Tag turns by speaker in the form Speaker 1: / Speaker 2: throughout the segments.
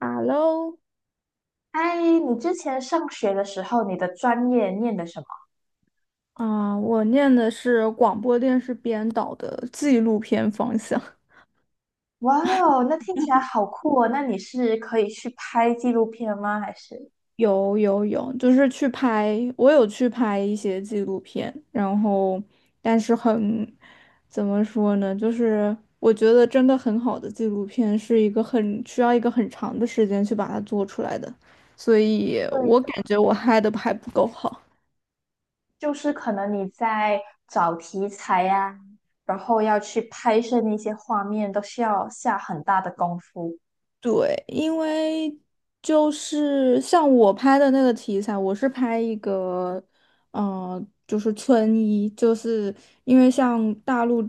Speaker 1: Hello，
Speaker 2: 哎，你之前上学的时候，你的专业念的什么？
Speaker 1: 啊，我念的是广播电视编导的纪录片方向。
Speaker 2: 哇哦，那听起来好酷哦！那你是可以去拍纪录片吗？还是？
Speaker 1: 有有有，就是去拍，我有去拍一些纪录片，然后但是很，怎么说呢？就是我觉得真的很好的纪录片是一个很需要一个很长的时间去把它做出来的，所以
Speaker 2: 对，
Speaker 1: 我感觉我拍的还不够好。
Speaker 2: 就是可能你在找题材呀、然后要去拍摄那些画面，都需要下很大的功夫。
Speaker 1: 对，因为就是像我拍的那个题材，我是拍一个，嗯，就是村医，就是因为像大陆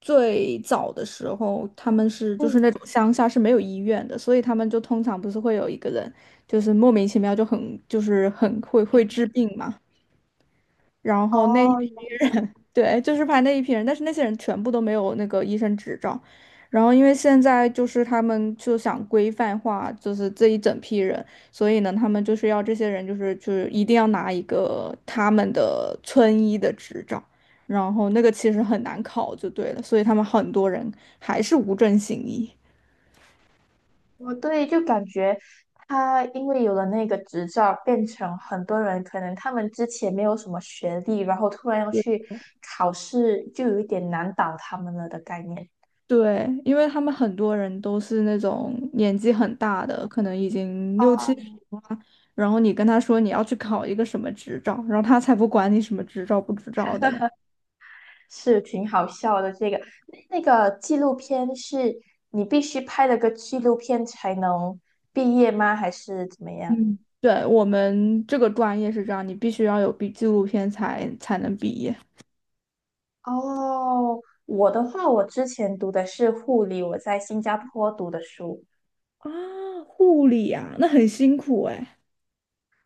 Speaker 1: 最早的时候，他们就是
Speaker 2: 嗯。
Speaker 1: 那种乡下是没有医院的，所以他们就通常不是会有一个人，就是莫名其妙就很就是很会治病嘛，然后那。
Speaker 2: 哦，
Speaker 1: 对，就是拍那一批人，但是那些人全部都没有那个医生执照。然后因为现在就是他们就想规范化，就是这一整批人，所以呢，他们就是要这些人就是一定要拿一个他们的村医的执照，然后那个其实很难考就对了，所以他们很多人还是无证行医。
Speaker 2: 哦，对，就感觉他因为有了那个执照，变成很多人可能他们之前没有什么学历，然后突然要去考试，就有一点难倒他们了的概念。
Speaker 1: 对，因为他们很多人都是那种年纪很大的，可能已经六
Speaker 2: 啊，
Speaker 1: 七十了啊，然后你跟他说你要去考一个什么执照，然后他才不管你什么执照不执照的嘞。
Speaker 2: 是挺好笑的。这个那个纪录片是你必须拍了个纪录片才能毕业吗？还是怎么样？
Speaker 1: 嗯，对，我们这个专业是这样，你必须要有毕纪录片才能毕业。
Speaker 2: 哦，我的话，我之前读的是护理，我在新加坡读的书。
Speaker 1: 啊，护理啊，那很辛苦哎。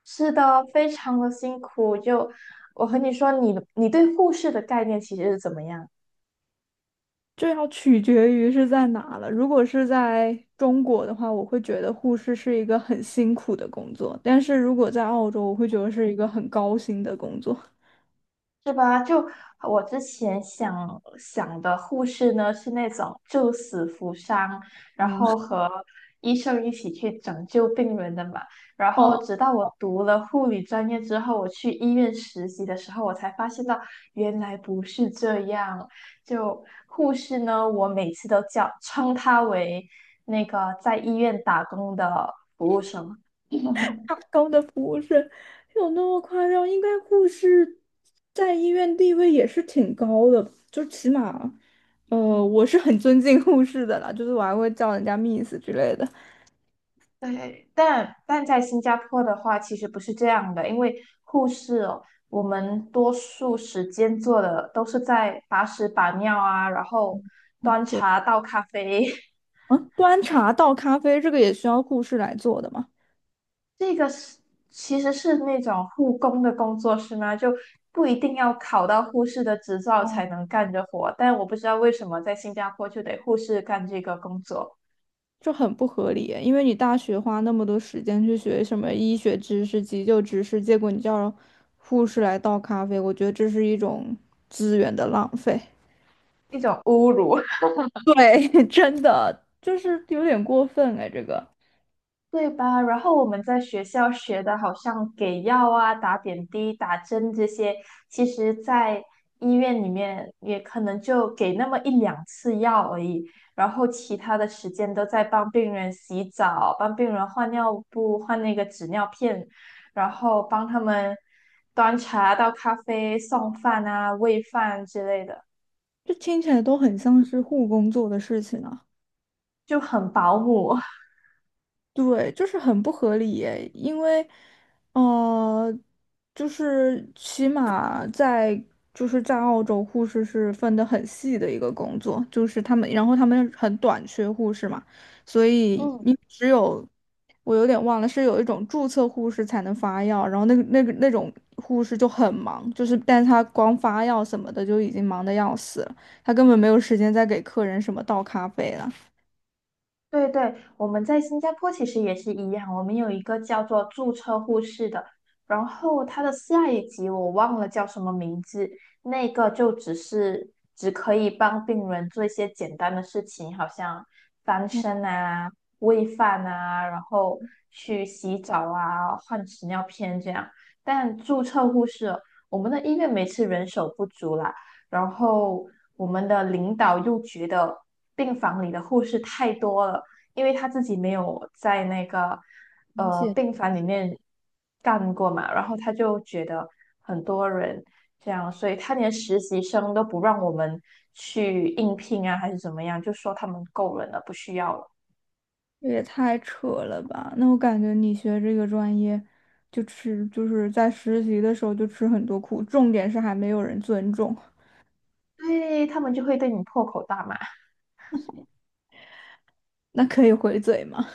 Speaker 2: 是的，非常的辛苦。就我和你说你对护士的概念其实是怎么样，
Speaker 1: 这要取决于是在哪了。如果是在中国的话，我会觉得护士是一个很辛苦的工作；但是如果在澳洲，我会觉得是一个很高薪的工作。
Speaker 2: 是吧？就我之前想的护士呢，是那种救死扶伤，然后和医生一起去拯救病人的嘛。然后
Speaker 1: 哦，
Speaker 2: 直到我读了护理专业之后，我去医院实习的时候，我才发现到原来不是这样。就护士呢，我每次都叫称她为那个在医院打工的。
Speaker 1: 他高的服务是有那么夸张？应该护士在医院地位也是挺高的，就起码，我是很尊敬护士的啦，就是我还会叫人家 Miss 之类的。
Speaker 2: 对，但在新加坡的话，其实不是这样的，因为护士哦，我们多数时间做的都是在把屎把尿啊，然后
Speaker 1: 哦，
Speaker 2: 端
Speaker 1: 对，
Speaker 2: 茶倒咖啡。
Speaker 1: 嗯，端茶倒咖啡这个也需要护士来做的嘛？
Speaker 2: 这个是其实是那种护工的工作是吗？就不一定要考到护士的执照
Speaker 1: 哦。
Speaker 2: 才能干这活，但我不知道为什么在新加坡就得护士干这个工作，
Speaker 1: 这很不合理，因为你大学花那么多时间去学什么医学知识、急救知识，结果你叫护士来倒咖啡，我觉得这是一种资源的浪费。
Speaker 2: 一种侮辱。
Speaker 1: 对，真的就是有点过分哎，这个
Speaker 2: 对吧？然后我们在学校学的，好像给药啊、打点滴、打针这些，其实在医院里面也可能就给那么一两次药而已，然后其他的时间都在帮病人洗澡、帮病人换尿布、换那个纸尿片，然后帮他们端茶倒咖啡、送饭啊、喂饭之类的，
Speaker 1: 这听起来都很像是护工做的事情啊。
Speaker 2: 就很保姆。
Speaker 1: 对，就是很不合理耶，因为，呃，就是起码在就是在澳洲，护士是分得很细的一个工作，就是他们，然后他们很短缺护士嘛，所以
Speaker 2: 嗯。
Speaker 1: 你只有我有点忘了，是有一种注册护士才能发药，然后那种护士就很忙，就是但他光发药什么的就已经忙得要死了，他根本没有时间再给客人什么倒咖啡了。
Speaker 2: 对对，我们在新加坡其实也是一样，我们有一个叫做注册护士的，然后它的下一级我忘了叫什么名字，那个就只是只可以帮病人做一些简单的事情，好像翻身啊、喂饭啊，然后去洗澡啊、换纸尿片这样。但注册护士哦我们的医院每次人手不足啦，然后我们的领导又觉得病房里的护士太多了，因为他自己没有在那个
Speaker 1: 明显
Speaker 2: 病房里面干过嘛，然后他就觉得很多人这样，所以他连实习生都不让我们去应聘啊，还是怎么样，就说他们够人了，不需要了。
Speaker 1: 这也太扯了吧！那我感觉你学这个专业，就吃就是在实习的时候就吃很多苦，重点是还没有人尊重，
Speaker 2: 对，他们就会对你破口大骂，
Speaker 1: 那可以回嘴吗？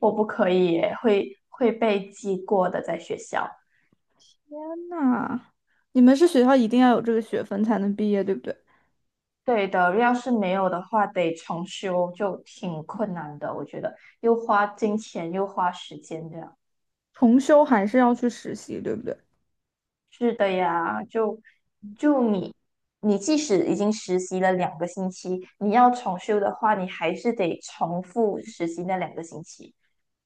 Speaker 2: 我不可以耶会被记过的，在学校。
Speaker 1: 那你们是学校一定要有这个学分才能毕业，对不对？
Speaker 2: 对的，要是没有的话，得重修就挺困难的，我觉得又花金钱又花时间这样。
Speaker 1: 重修还是要去实习，对不对？
Speaker 2: 是的呀，就你即使已经实习了两个星期，你要重修的话，你还是得重复实习那两个星期，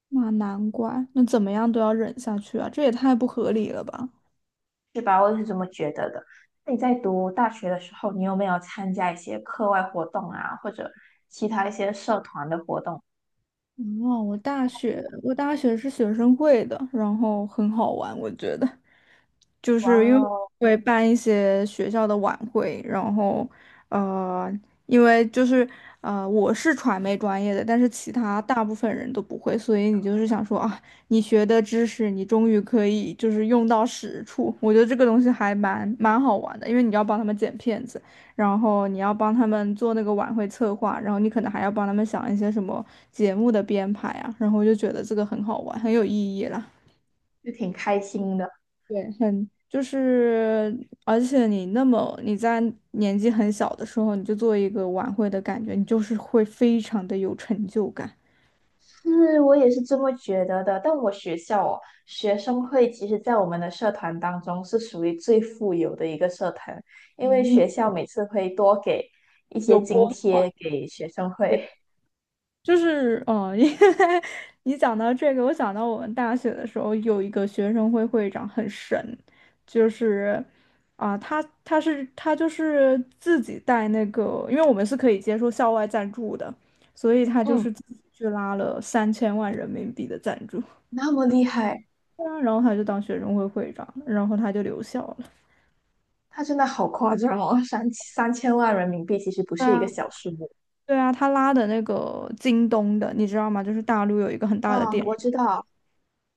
Speaker 1: 那难怪，那怎么样都要忍下去啊，这也太不合理了吧！
Speaker 2: 是吧？我是这么觉得的。那你在读大学的时候，你有没有参加一些课外活动啊，或者其他一些社团的活动？
Speaker 1: 哦，我大学是学生会的，然后很好玩，我觉得。就
Speaker 2: 哇
Speaker 1: 是因为
Speaker 2: 哦，
Speaker 1: 我会办一些学校的晚会，然后呃，因为就是我是传媒专业的，但是其他大部分人都不会，所以你就是想说啊，你学的知识你终于可以就是用到实处，我觉得这个东西还蛮好玩的，因为你要帮他们剪片子，然后你要帮他们做那个晚会策划，然后你可能还要帮他们想一些什么节目的编排啊，然后我就觉得这个很好玩，很有意义啦。
Speaker 2: 就挺开心的。
Speaker 1: 对，很就是，而且你那么你在年纪很小的时候，你就做一个晚会的感觉，你就是会非常的有成就感，
Speaker 2: 是我也是这么觉得的，但我学校哦，学生会其实在我们的社团当中是属于最富有的一个社团，因为
Speaker 1: 嗯，
Speaker 2: 学校每次会多给一些
Speaker 1: 有
Speaker 2: 津
Speaker 1: 拨款。
Speaker 2: 贴给学生
Speaker 1: 对，
Speaker 2: 会。
Speaker 1: 就是哦，因为 你讲到这个，我想到我们大学的时候有一个学生会会长很神，就是啊、他就是自己带那个，因为我们是可以接受校外赞助的，所以他就
Speaker 2: 嗯，
Speaker 1: 是自己去拉了3000万人民币的赞助。
Speaker 2: 那么厉害，
Speaker 1: 对啊，然后他就当学生会会长，然后他就留校了。
Speaker 2: 他真的好夸张哦，三千万人民币其实不
Speaker 1: 对
Speaker 2: 是一
Speaker 1: 啊，
Speaker 2: 个小数目。
Speaker 1: 对啊，他拉的那个京东的，你知道吗？就是大陆有一个很大的
Speaker 2: 嗯，
Speaker 1: 店，
Speaker 2: 我知道，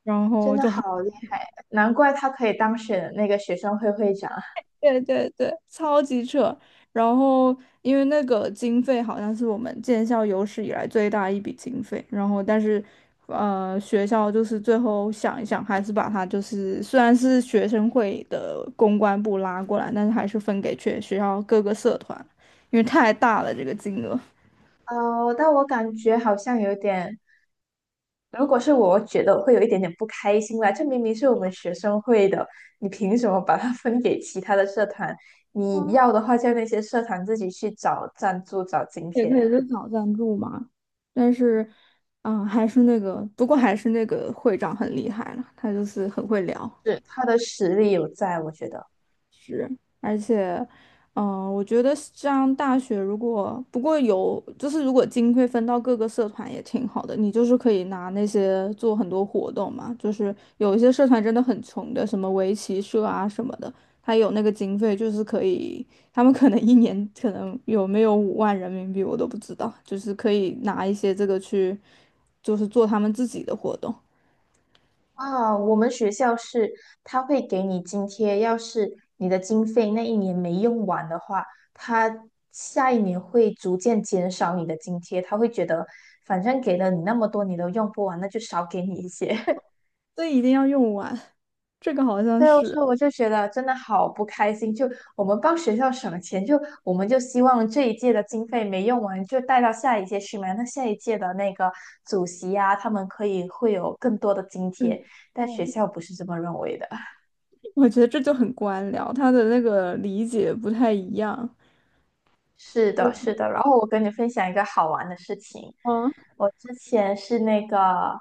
Speaker 1: 然
Speaker 2: 真
Speaker 1: 后
Speaker 2: 的
Speaker 1: 就很，
Speaker 2: 好厉害，难怪他可以当选那个学生会会长。
Speaker 1: 对对对，超级扯。然后因为那个经费好像是我们建校有史以来最大一笔经费，然后但是，学校就是最后想一想，还是把它就是虽然是学生会的公关部拉过来，但是还是分给全学校各个社团，因为太大了这个金额。
Speaker 2: 哦，但我感觉好像有点。如果是我，我觉得我会有一点点不开心啦。这明明是我们学生会的，你凭什么把它分给其他的社团？你要的话，叫那些社团自己去找赞助、找津
Speaker 1: 也可
Speaker 2: 贴。
Speaker 1: 以去找赞助嘛。但是，嗯，还是那个，不过还是那个会长很厉害了，他就是很会聊。
Speaker 2: 是，他的实力有在，我觉得。
Speaker 1: 值而且，我觉得上大学如果不过有，就是如果经费分到各个社团也挺好的，你就是可以拿那些做很多活动嘛。就是有一些社团真的很穷的，什么围棋社啊什么的，他有那个经费，就是可以，他们可能一年可能有没有5万人民币我都不知道，就是可以拿一些这个去，就是做他们自己的活动，
Speaker 2: 啊，我们学校是他会给你津贴，要是你的经费那一年没用完的话，他下一年会逐渐减少你的津贴，他会觉得反正给了你那么多，你都用不完，那就少给你一些。
Speaker 1: 所以一定要用完，这个好像
Speaker 2: 对，
Speaker 1: 是。
Speaker 2: 所以我就觉得真的好不开心。就我们帮学校省钱，就我们就希望这一届的经费没用完，就带到下一届去嘛。那下一届的那个主席啊，他们可以会有更多的津贴，
Speaker 1: 嗯。
Speaker 2: 但学校不是这么认为的。
Speaker 1: 我觉得这就很官僚，他的那个理解不太一样。
Speaker 2: 是的，
Speaker 1: 嗯，
Speaker 2: 是的。然后我跟你分享一个好玩的事情，
Speaker 1: 哦，
Speaker 2: 我之前是那个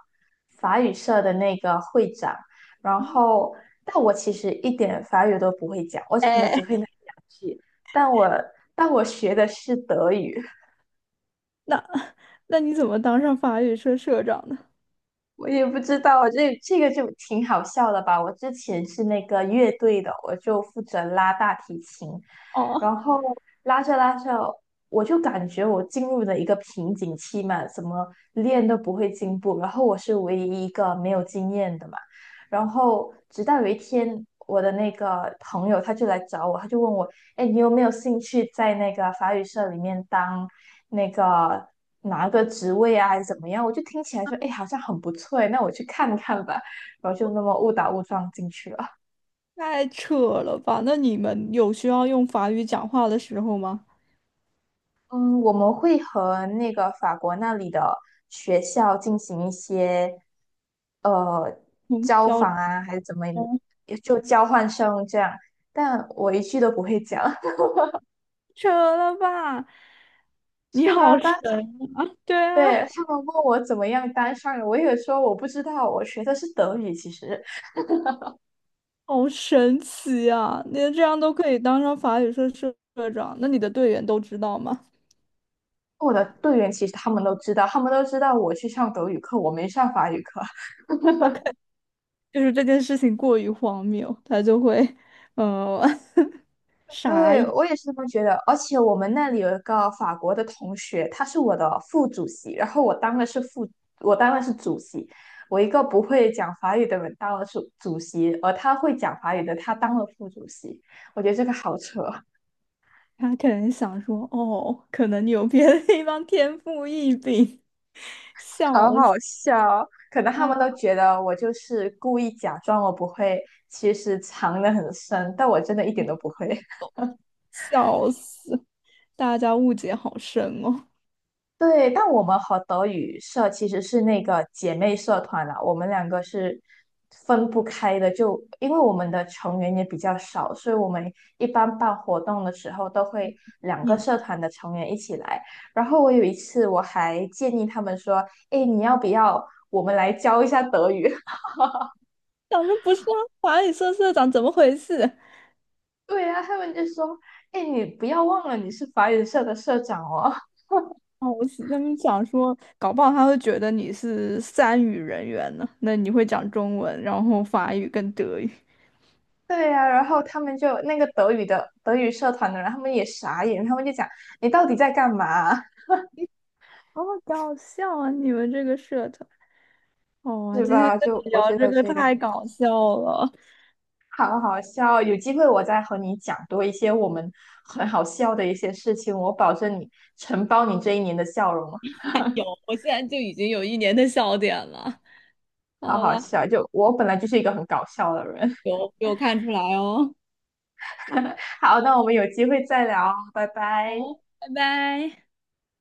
Speaker 2: 法语社的那个会长，然后但我其实一点法语都不会讲，我可能
Speaker 1: 哎，
Speaker 2: 只会那一两句，但我但我学的是德语，
Speaker 1: 那那你怎么当上法语社社长的？
Speaker 2: 我也不知道，这个就挺好笑的吧。我之前是那个乐队的，我就负责拉大提琴，
Speaker 1: 哦，
Speaker 2: 然后拉着拉着，我就感觉我进入了一个瓶颈期嘛，怎么练都不会进步。然后我是唯一一个没有经验的嘛。然后直到有一天，我的那个朋友他就来找我，他就问我，哎，你有没有兴趣在那个法语社里面当那个拿个职位啊，还是怎么样？我就听起来说，哎，好像很不错诶，那我去看看吧。然后就那么误打误撞进去了。
Speaker 1: 太扯了吧！那你们有需要用法语讲话的时候吗？
Speaker 2: 嗯，我们会和那个法国那里的学校进行一些呃
Speaker 1: 嗯，
Speaker 2: 交
Speaker 1: 交流
Speaker 2: 访啊，还是怎么，
Speaker 1: 吗
Speaker 2: 也就交换生这样。但我一句都不会讲。
Speaker 1: 扯了吧！你
Speaker 2: 是吧？
Speaker 1: 好神，
Speaker 2: 当
Speaker 1: 对啊，
Speaker 2: 对他们问我怎么样当上的，我也说我不知道，我学的是德语。其实
Speaker 1: 好神奇啊！你这样都可以当上法语社社长，那你的队员都知道吗？
Speaker 2: 我的队员其实他们都知道，他们都知道我去上德语课，我没上法语课。
Speaker 1: 就是这件事情过于荒谬，他就会，呃，傻。
Speaker 2: 对，我也是这么觉得，而且我们那里有一个法国的同学，他是我的副主席，然后我当的是副，我当的是主席，我一个不会讲法语的人当了主席，而他会讲法语的他当了副主席，我觉得这个好扯。
Speaker 1: 他可能想说，哦，可能你有别的地方天赋异禀，笑
Speaker 2: 好
Speaker 1: 死
Speaker 2: 好笑哦，可能他们都
Speaker 1: 啊！
Speaker 2: 觉得我就是故意假装我不会，其实藏得很深，但我真的一点都不会。
Speaker 1: 笑死！大家误解好深哦。
Speaker 2: 对，但我们和德语社其实是那个姐妹社团啦，我们两个是分不开的，就因为我们的成员也比较少，所以我们一般办活动的时候都会两个
Speaker 1: 你
Speaker 2: 社团的成员一起来。然后我有一次我还建议他们说：“诶，你要不要我们来教一下德语？”
Speaker 1: 想说不是啊，法语社社长怎么回事？
Speaker 2: 对啊，他们就说：“诶，你不要忘了你是法语社的社长哦。”
Speaker 1: 哦，我是他们想说，搞不好他会觉得你是三语人员呢。那你会讲中文，然后法语跟德语，
Speaker 2: 对呀、然后他们就那个德语的德语社团的人，他们也傻眼，他们就讲你到底在干嘛。
Speaker 1: 好搞笑啊！你们这个社团，哦，
Speaker 2: 是
Speaker 1: 今天
Speaker 2: 吧？
Speaker 1: 跟
Speaker 2: 就
Speaker 1: 你
Speaker 2: 我
Speaker 1: 聊
Speaker 2: 觉
Speaker 1: 这
Speaker 2: 得
Speaker 1: 个
Speaker 2: 这个
Speaker 1: 太搞笑了，
Speaker 2: 好好笑，有机会我再和你讲多一些我们很好笑的一些事情，我保证你承包你这一年的笑容，
Speaker 1: 有，我现在就已经有一年的笑点了。
Speaker 2: 好
Speaker 1: 好
Speaker 2: 好
Speaker 1: 了，
Speaker 2: 笑。就我本来就是一个很搞笑的人。
Speaker 1: 有看出来哦。
Speaker 2: 好，那我们有机会再聊哦，拜拜。
Speaker 1: 好，拜拜。